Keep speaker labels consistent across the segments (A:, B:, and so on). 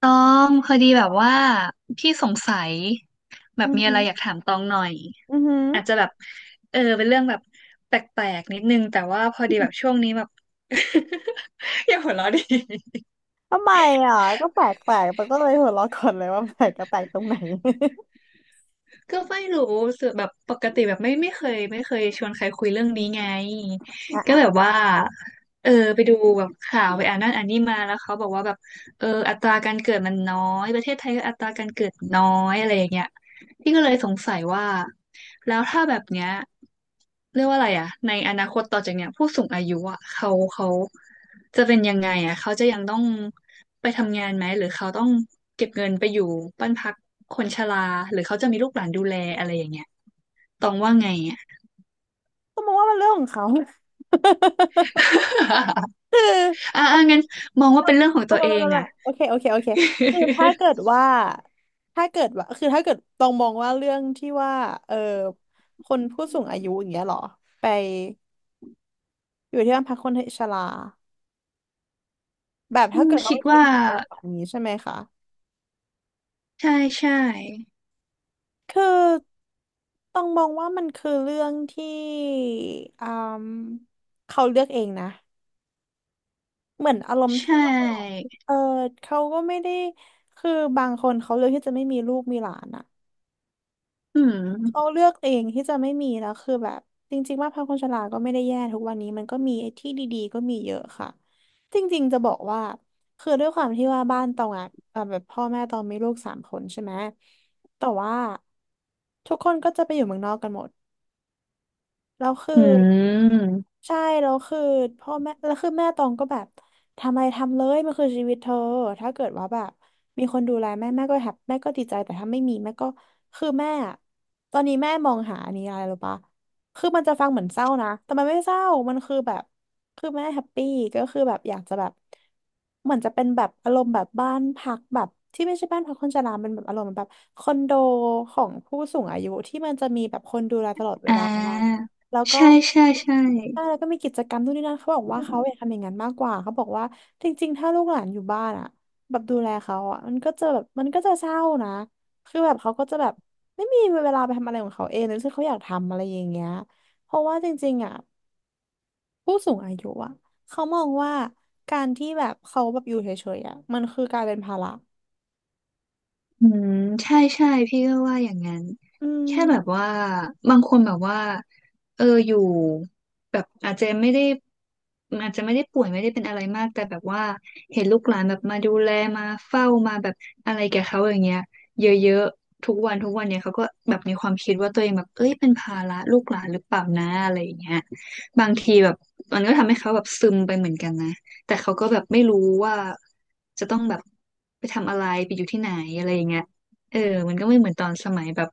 A: ตองพอดีแบบว่าพี่สงสัยแบ
B: อื
A: บ
B: อ
A: มีอะ
B: หื
A: ไร
B: อ
A: อยากถามตองหน่อย
B: อือหือ
A: อาจจะแบบเออเป็นเรื่องแบบแปลกๆนิดนึงแต่ว่าพอดีแบบช่วงนี้แบบ อย่าหัวเราะดิ
B: ทำไมอ่ะก็แปลกแปลกแตก็เลยหัวเราะก่อนเลยว่าแปลกก็แปลกตรงไหน
A: ก็ไม่รู้รู้สึกแบบปกติแบบไม่เคยชวนใครคุยเรื่องนี้ไง
B: อ่ะ
A: ก็แบ
B: อ่ะ
A: บว่าเออไปดูแบบข่าวไปอ่านนั่นอ่านนี่มาแล้วเขาบอกว่าแบบเอออัตราการเกิดมันน้อยประเทศไทยก็อัตราการเกิดน้อยอะไรอย่างเงี้ย พี่ก็เลยสงสัยว่าแล้วถ้าแบบเนี้ยเรียกว่าอะไรอะในอนาคตต่อจากเนี้ยผู้สูงอายุอะเขาจะเป็นยังไงอะเขาจะยังต้องไปทำงานไหมหรือเขาต้องเก็บเงินไปอยู่บ้านพักคนชราหรือเขาจะมีลูกหลานดูแลอะไรอย่างเงี้ยตองว่าไงอะ
B: ก็มองว่ามันเรื่องของเขา คือ
A: อ่ะ
B: อ่ะ
A: อ่ะงั้นมองว่าเป็นเรื่องของ
B: โอ้
A: ตัว
B: ไม่
A: เอ
B: ไม่
A: ง
B: ไม่ไม่
A: อะ
B: โอเคโอเคโอเคคือถ้าเกิดว่า คือถ้าเกิดต้องมองว่าเรื่องที่ว่าเออคนผู้สูงอายุอย่างเงี้ยเหรอ ไปอยู่ที่บ้านพักคนชราแบบ
A: อื
B: ถ้า
A: ม
B: เกิดเขา
A: คิ
B: ไป
A: ด
B: เป็
A: ว่า
B: นแบบนี้ใช่ไหมคะ
A: ใช่ใช่
B: คือต้องมองว่ามันคือเรื่องที่อืมเขาเลือกเองนะเหมือนอารมณ์
A: ใช
B: ที่ว่า
A: ่
B: เออเขาก็ไม่ได้คือบางคนเขาเลือกที่จะไม่มีลูกมีหลานอ่ะ
A: อื
B: เขา
A: ม
B: เลือกเองที่จะไม่มีแล้วคือแบบจริงๆว่าพรรคคนชราก็ไม่ได้แย่ทุกวันนี้มันก็มีไอ้ที่ดีๆก็มีเยอะค่ะจริงๆจะบอกว่าคือด้วยความที่ว่าบ้านตองอ่ะแบบพ่อแม่ตองมีลูกสามคนใช่ไหมแต่ว่าทุกคนก็จะไปอยู่เมืองนอกกันหมด แล้วคือ
A: อืม
B: ใช่แล้วคือพ่อแม่แล้วคือแม่ตองก็แบบทำอะไรทำเลยมันคือชีวิตเธอถ้าเกิดว่าแบบมีคนดูแลแม่แม่ก็แฮปแม่ก็ดีใจแต่ถ้าไม่มีแม่ก็คือแม่อะตอนนี้แม่มองหาอันนี้อะไรหรือปะคือมันจะฟังเหมือนเศร้านะแต่มันไม่เศร้ามันคือแบบคือแม่แฮปปี้ก็คือแบบอยากจะแบบเหมือนจะเป็นแบบอารมณ์แบบบ้านพักแบบที่ไม่ใช่บ้านพักคนชราเป็นแบบอารมณ์แบบคอนโดของผู้สูงอายุที่มันจะมีแบบคนดูแลตลอดเว
A: อ่
B: ลา
A: า
B: แล้วก็
A: ใช่ใช่ใช่
B: ใช่แล้วก็มีกิจกรรมนู่นนี่นั่นเขาบอกว่าเขาอยากทำอย่างนั้นมากกว่าเขาบอกว่าจริงๆถ้าลูกหลานอยู่บ้านอ่ะแบบดูแลเขาอ่ะมันก็จะแบบมันก็จะเศร้านะคือแบบเขาก็จะแบบไม่มีเวลาไปทำอะไรของเขาเองหรือที่เขาอยากทำอะไรอย่างเงี้ยเพราะว่าจริงๆอ่ะผู้สูงอายุอ่ะเขามองว่าการที่แบบเขาแบบอยู่เฉยๆอ่ะมันคือการเป็นภาระ
A: อืมใช่ใช่พี่ก็ว่าอย่างนั้น
B: อื
A: แค่แบบ
B: ม
A: ว่าบางคนแบบว่าเอออยู่แบบอาจจะไม่ได้ป่วยไม่ได้เป็นอะไรมากแต่แบบว่าเห็นลูกหลานแบบมาดูแลมาเฝ้ามาแบบอะไรแกบเขาอย่างเงี้ยเยอะๆทุกวันเนี่ยเขาก็แบบมีความคิดว่าตัวเองแบบเอ้ยเป็นภาระลูกหลานหรือเปล่านะอะไรอย่างเงี้ยบางทีแบบมันก็ทำให้เขาแบบซึมไปเหมือนกันนะ แต่เขาก็แบบไม่รู้ว่าจะต้องแบบไปทำอะไรไปอยู่ที่ไหนอะไรอย่างเงี้ยเออมันก็ไม่เหมือนตอนสมัยแบบ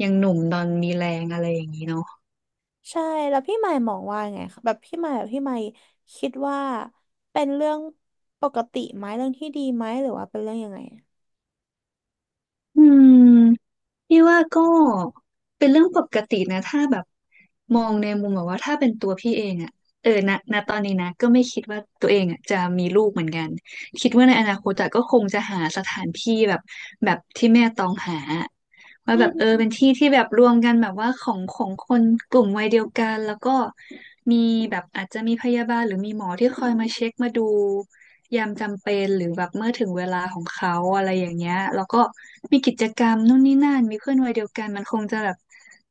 A: ยังหนุ่มตอนมีแรงอะไรอย่างนี้เนาะ
B: ใช่แล้วพี่หมายมองว่าไงคะแบบพี่หมายคิดว่าเป็นเรื่องปกติไหมเรื่องที่ดีไหมหรือว่าเป็นเรื่องยังไงอะ
A: อืมพี่ว่าก็เป็นเรื่องปกตินะถ้าแบบมองในมุมแบบว่าถ้าเป็นตัวพี่เองอะเออณตอนนี้นะก็ไม่คิดว่าตัวเองอะจะมีลูกเหมือนกันคิดว่าในอนาคตอะก็คงจะหาสถานที่แบบที่แม่ต้องหา ว่า
B: อื
A: แบบเออ
B: ม
A: เป็นที่ที่แบบรวมกันแบบว่าของคนกลุ่มวัยเดียวกันแล้วก็มีแบบอาจจะมีพยาบาลหรือมีหมอที่คอยมาเช็คมาดูยามจำเป็นหรือแบบเมื่อถึงเวลาของเขาอะไรอย่างเงี้ยแล้วก็มีกิจกรรมนู่นนี่นั่นมีเพื่อนวัยเดียวกันมันคงจะแบบ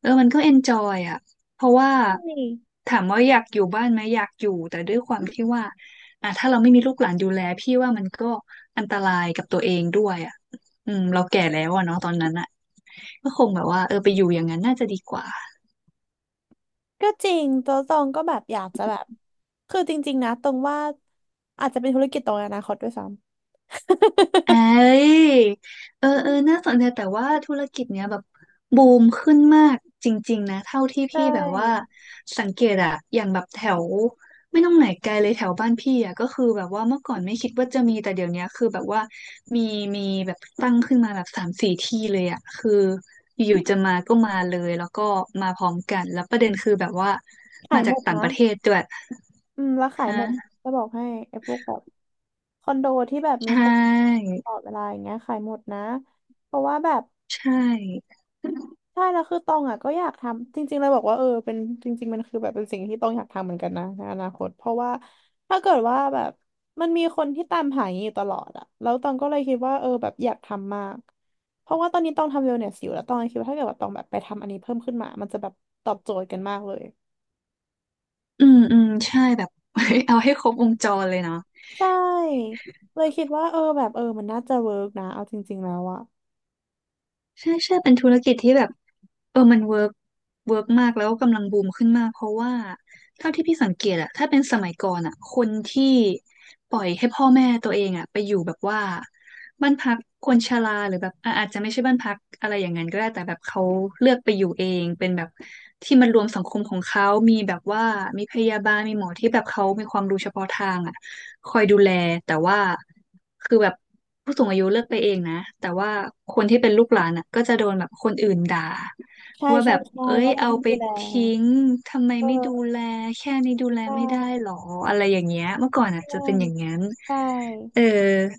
A: เออมันก็เอนจอยอ่ะเพราะว่า
B: ใช่
A: ถามว่าอยากอยู่บ้านไหมอยากอยู่แต่ด้วยความที่ว่าอ่ะถ้าเราไม่มีลูกหลานดูแลพี่ว่ามันก็อันตรายกับตัวเองด้วยอ่ะ อืมเราแก่แล้วอะเนาะตอนนั้นอะก็คงแบบว่าเออไปอยู่อย่างนั้นน่าจะดีกว่า
B: ก็จริงตัวตองก็แบบอยากจะแบบคือจริงๆนะตรงว่าอาจจะเป็นธุรกิจตรงในอนาคตด้วยซ้ำ
A: เอ้ ยเออเออน่าสนใจแต่ว่าธุรกิจเนี้ยแบบบูมขึ้นมากจริงๆนะเท่าที่
B: ใช
A: พี่แบบว่า
B: ่
A: สังเกตอะอย่างแบบแถวไม่ต้องไหนไกลเลยแถวบ้านพี่อะก็คือแบบว่าเมื่อก่อนไม่คิดว่าจะมีแต่เดี๋ยวเนี้ยคือแบบว่ามีมีแบบตั้งขึ้นมาแบบสามสี่ที่เลยอะคืออยู่ๆจะมาก็มาเลยแล้วก็มาพร้อมกันแล้วประเด็นคือแบบว่า
B: ขา
A: มา
B: ยห
A: จา
B: ม
A: ก
B: ด
A: ต่าง
B: นะ
A: ประเทศด้วย
B: อืมแล้วขาย
A: ฮะ
B: หมดจะบอกให้ไอ้พวกแบบคอนโดที่แบบมี
A: ใช่
B: คนตลอดเวลาอย่างเงี้ยขายหมดนะเพราะว่าแบบ
A: ใช่
B: ใช่แล้วคือตองอ่ะก็อยากทำจริงๆเลยบอกว่าเป็นจริงๆมันคือแบบเป็นสิ่งที่ตองอยากทำเหมือนกันนะในอนาคตเพราะว่าถ้าเกิดว่าแบบมันมีคนที่ตามหาอย่างนี้อยู่ตลอดอ่ะแล้วตองก็เลยคิดว่าแบบอยากทำมากเพราะว่าตอนนี้ตองทำเวลเนสอยู่แล้วตองคิดว่าถ้าเกิดว่าตองแบบไปทำอันนี้เพิ่มขึ้นมามันจะแบบตอบโจทย์กันมากเลย
A: อืมอืมใช่แบบ
B: อืม
A: เอาให้ครบวงจรเลยเนาะ
B: ใช่เลยคิดว่าเออแบบเออมันน่าจะเวิร์กนะเอาจริงๆแล้วอ่ะ
A: ใช่ใช่เป็นธุรกิจที่แบบเออมันเวิร์กมากแล้วกำลังบูมขึ้นมากเพราะว่าเท่าที่พี่สังเกตอะถ้าเป็นสมัยก่อนอะคนที่ปล่อยให้พ่อแม่ตัวเองอะไปอยู่แบบว่าบ้านพักคนชราหรือแบบอ่ะอาจจะไม่ใช่บ้านพักอะไรอย่างนั้นก็ได้แต่แบบเขาเลือกไปอยู่เองเป็นแบบที่มันรวมสังคมของเขา มีแบบว่ามีพยาบาลมีหมอที่แบบเขามีความรู้เฉพาะทางอะ คอยดูแลแต่ว่าคือแบบผู้สูงอายุเลิกไปเองนะแต่ว่าคนที่เป็นลูกหลานอ่ะก็จะโดนแบบคนอื่นด่า
B: ใช่
A: ว่าแบ
B: ใช่
A: บ
B: ใช่
A: เอ้ย
B: ว่าเรา
A: เอา
B: ไม่
A: ไป
B: ดูแล
A: ทิ้งทำไมไม่ดู
B: เออ
A: แลแค่นี้ดูแล
B: ใช
A: ไม่ได้
B: ่
A: หรออะไรอย่างเงี้ยเมื่อก่อนอ่ะ
B: ใช่
A: จะเป็นอย่างนั้น
B: ใช่
A: เออ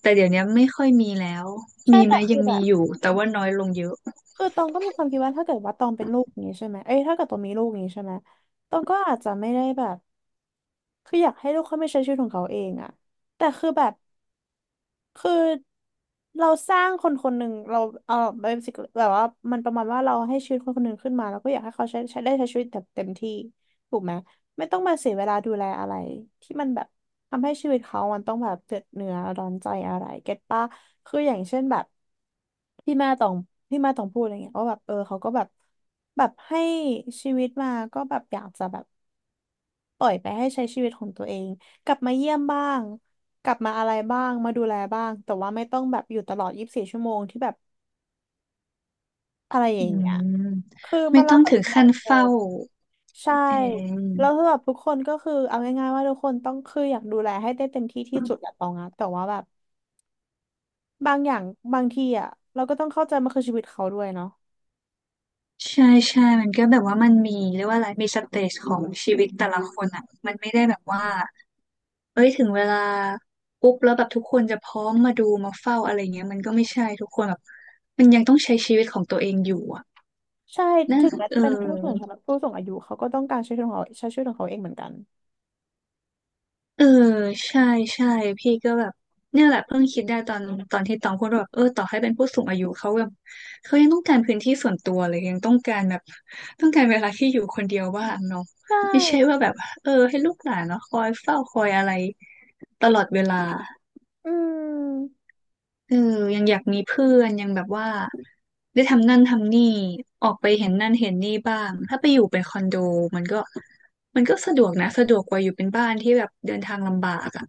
A: แต่เดี๋ยวนี้ไม่ค่อยมีแล้ว
B: ใช่
A: มีไหม
B: แต่คื
A: ยั
B: อ
A: ง
B: แบ
A: มี
B: บ
A: อยู่แต่ว่าน้อยลงเยอะ
B: คือตองก็มีความคิดว่าถ้าเกิดว่าตองเป็นลูกอย่างนี้ใช่ไหมเอ้ยถ้าเกิดตองมีลูกอย่างนี้ใช่ไหมตองก็อาจจะไม่ได้แบบคืออยากให้ลูกเขาไม่ใช้ชีวิตของเขาเองอะแต่คือแบบ คือเราสร้างคนคนหนึ่งเราเออเบสิกแบบว่ามันประมาณว่าเราให้ชีวิตคนคนหนึ่งขึ้นมาแล้วก็อยากให้เขาใช้ชีวิตแบบเต็มที่ถูกไหมไม่ต้องมาเสียเวลาดูแลอะไรที่มันแบบทำให้ชีวิตเขามันต้องแบบเดือดเนื้อร้อนใจอะไรเก็ตป่ะคืออย่างเช่นแบบที่แม่ต้องที่แม่ต้องพูดอะไรเงี้ยว่าแบบเขาก็แบบแบบให้ชีวิตมาก็แบบอยากจะแบบ ปล่อยไปให้ใช้ชีวิตของตัวเองกลับมาเยี่ยมบ้างกลับมาอะไรบ้างมาดูแลบ้างแต่ว่าไม่ต้องแบบอยู่ตลอดยี่สิบสี่ชั่วโมงที่แบบอะไรอ
A: อื
B: ย่างเงี้ย
A: ม
B: คือมั
A: ไม่
B: นแล้
A: ต้อ
B: ว
A: ง
B: แต่
A: ถึง
B: มุมม
A: ขั้
B: อง
A: น
B: ค
A: เฝ้า
B: นใช่
A: เอง
B: แล้วสำหรับทุกคนก็คือเอาง่ายๆว่าทุกคนต้องคืออยากดูแลให้ได้เต็มที่ที่สุดแหละตองอะแต่ว่าแบบบางอย่างบางทีอะเราก็ต้องเข้าใจมันคือชีวิตเขาด้วยเนาะ
A: ใช่ใช่ มันก็แบบว่ามันมีเรียกว่าอะไรมีสเตจของชีวิตแต่ละคนอ่ะ มันไม่ได้แบบว่า เอ้ยถึงเวลาปุ๊บแล้วแบบทุกคนจะพร้อมมาดูมาเฝ้าอะไรเงี้ยมันก็ไม่ใช่ทุกคนแบบมันยังต้องใช้ชีวิตของตัวเองอยู่อ่ะ
B: ใช่
A: นั่
B: ถึ
A: น
B: งแม้
A: เออ
B: จะเป็นผู้สูงชนผู้สูงอายุเขาก็ต้องการใช้ชีวิตของเขาใช้ชีวิตของเขาเองเหมือนกัน
A: เออใช่ใช่พี่ก็แบบเนี่ยแหละเพิ่งคิดได้ตอนที่ตองพูดว่าแบบเออต่อให้เป็นผู้สูงอายุเขาแบบเขายังต้องการพื้นที่ส่วนตัวเลยยังต้องการแบบต้องการเวลาที่อยู่คนเดียวบ้างเนาะ
B: ใช่
A: ไม่ใช่ว่าแบบเออให้ลูกหลานเนาะคอยเฝ้าคอยอะไรตลอดเวลา
B: อืม
A: เออยังอยากมีเพื่อนยังแบบว่าได้ทำนั่นทำนี่ออกไปเห็นนั่นเห็นนี่บ้างถ้าไปอยู่เป็นคอนโดมันก็มันก็สะดวกนะสะดวกกว่าอยู่เป็นบ้านที่แบบเดินทางลำบากอะ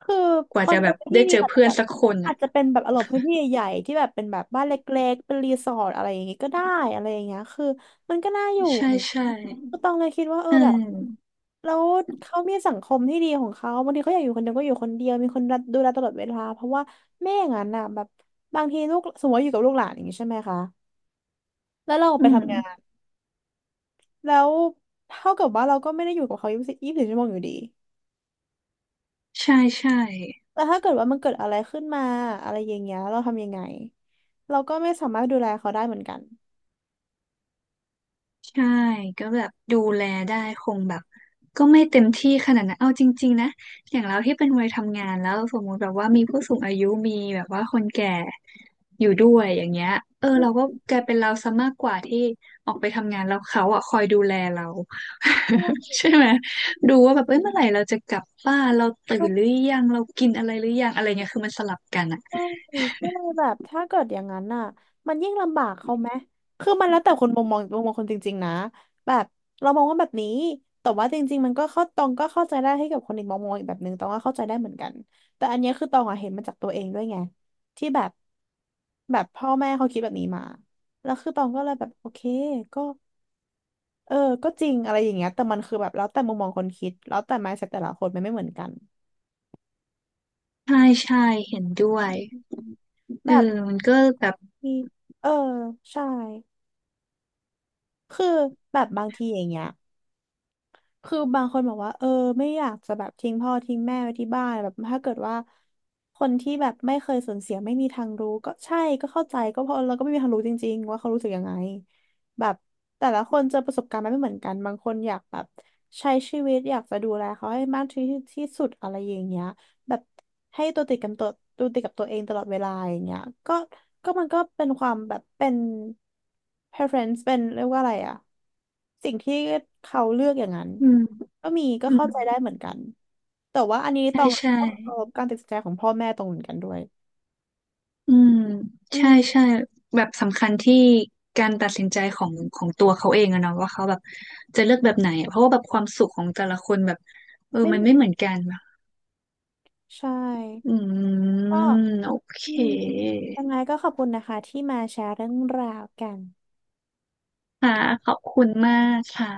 B: คือ
A: ก
B: ค
A: ว่า
B: อ
A: จะ
B: นโด
A: แบบ
B: ที่
A: ได้เจ
B: นี่
A: อ
B: อาจจะ
A: เพื่อ
B: แบ
A: น
B: บ
A: สักคน
B: อา
A: อ่ะ
B: จจะเป็นแบบอารมณ์พื้นที่ใหญ่ๆที่แบบเป็นแบบบ้านเล็กๆเป็นรีสอร์ทอะไรอย่างงี้ก็ได้อะไรอย่างเงี้ยคือมันก็น่าอยู่
A: ใช่
B: นะ
A: ใช่
B: ก็ต้องเลยคิดว่าเออ
A: อื
B: แบบ
A: ม
B: แล้วเขามีสังคมที่ดีของเขาบางทีเขาอยากอยู่คนเดียวก็อยู่คนเดียวมีคนรับดูแลตลอดเวลาเพราะว่าไม่อย่างนั้นน่ะแบบบางทีลูกสมมติว่าอยู่กับลูกหลานอย่างงี้ใช่ไหมคะแล้วเรา
A: อื
B: ไป
A: ม
B: ทำงานแล้วเท่ากับว่าเราก็ไม่ได้อยู่กับเขายี่สิบสี่ชั่วโมงอยู่ดี
A: ใช่ใช่
B: แล้วถ้าเกิดว่ามันเกิดอะไรขึ้นมาอะไรอย่างเงี้ยเราทำยังไงเราก็ไม่สามารถดูแลเขาได้เหมือนกัน
A: ใช่ก็แบบดูแลได้คงแบบก็ไม่เต็มที่ขนาดนั้นเอาจริงๆนะอย่างเราที่เป็นวัยทำงานแล้วสมมุติแบบว่ามีผู้สูงอายุมีแบบว่าคนแก่อยู่ด้วยอย่างเงี้ยเออเราก็กลายเป็นเราซะมากกว่าที่ออกไปทำงานแล้วเขาอ่ะคอยดูแลเรา
B: ใช ่
A: ใช่ไหมดูว่าแบบเอ้ยเมื่อไหร่เราจะกลับบ้านเราตื่นหรือ
B: ใช
A: ยังเรากินอะไรหรือยังอะไรเงี้ยคือมันสลับ
B: ่
A: กันอ่ะ
B: ก็เลยแบบถ้าเกิดอย่างนั้นน่ะมันยิ่งลำบากเขาไหมคือมันแล้วแต่คนมุมมองคนจริงๆนะแบบเรามองว่าแบบนี้แต่ว่าจริงๆมันก็เข้าตองก็เข้าใจได้ให้กับคนอีกมองอีกแบบนึงตองก็เข้าใจได้เหมือนกันแต่อันเนี้ยคือตองอะเห็นมาจากตัวเองด้วยไงที่แบบแบบพ่อแม่เขาคิดแบบนี้มาแล้วคือตองก็เลยแบบโอเคก็ เออก็จริงอะไรอย่างเงี้ยแต่มันคือแบบแล้วแต่มุมมองคนคิดแล้วแต่ mindset แต่ละคนมันไม่เหมือนกัน
A: ใช่ใช่เห็นด้วยเออ
B: แบบ
A: มันก็แบบ
B: ที่เออใช่ คือแบบบางทีอย่างเงี้ยคือบางคนบอกว่าเออไม่อยากจะแบบทิ้งพ่อทิ้งแม่ไว้ที่บ้านแบบถ้าเกิดว่าคนที่แบบไม่เคยสูญเสียไม่มีทางรู้ก็ใช่ก็เข้าใจก็เพราะเราก็ไม่มีทางรู้จริงๆว่าเขารู้สึกยังไงแบบแต่ละคนเจอประสบการณ์มันไม่เหมือนกันบางคนอยากแบบใช้ชีวิตอยากจะดูแลเขาให้มากที่ที่สุดอะไรอย่างเงี้ย แบบให้ตัวติดกับตัวติดกับตัวเองตลอดเวลาอย่างเงี้ยก็ก็มันก็เป็นความแบบเป็น preference เป็นเรียกว่าอะไรอะสิ่งที่เขาเลือกอย่างนั้น
A: อืม
B: ก็มีก็
A: อืม
B: เข้าใจได้เหมือนกันแต่ว่าอันนี้
A: ใช่
B: ต้อง
A: ใช่
B: ต้องเคารพการตัดสินใจของพ่อแม่ตรงเหมือนกันด้วย
A: อืม
B: อื
A: ใช่
B: ม
A: ใช่แบบสำคัญที่การตัดสินใจของตัวเขาเองอะเนาะว่าเขาแบบจะเลือกแบบไหนอะเพราะว่าแบบความสุขของแต่ละคนแบบเออ
B: ไม่
A: มั
B: เห
A: น
B: มอ
A: ไม่
B: น
A: เหมือนกันอะ
B: ใช่
A: อืม
B: ก็
A: โอเค
B: อืมยังไงก็ขอบคุณนะคะที่มาแชร์เรื่องราวกัน
A: ค่ะขอบคุณมากค่ะ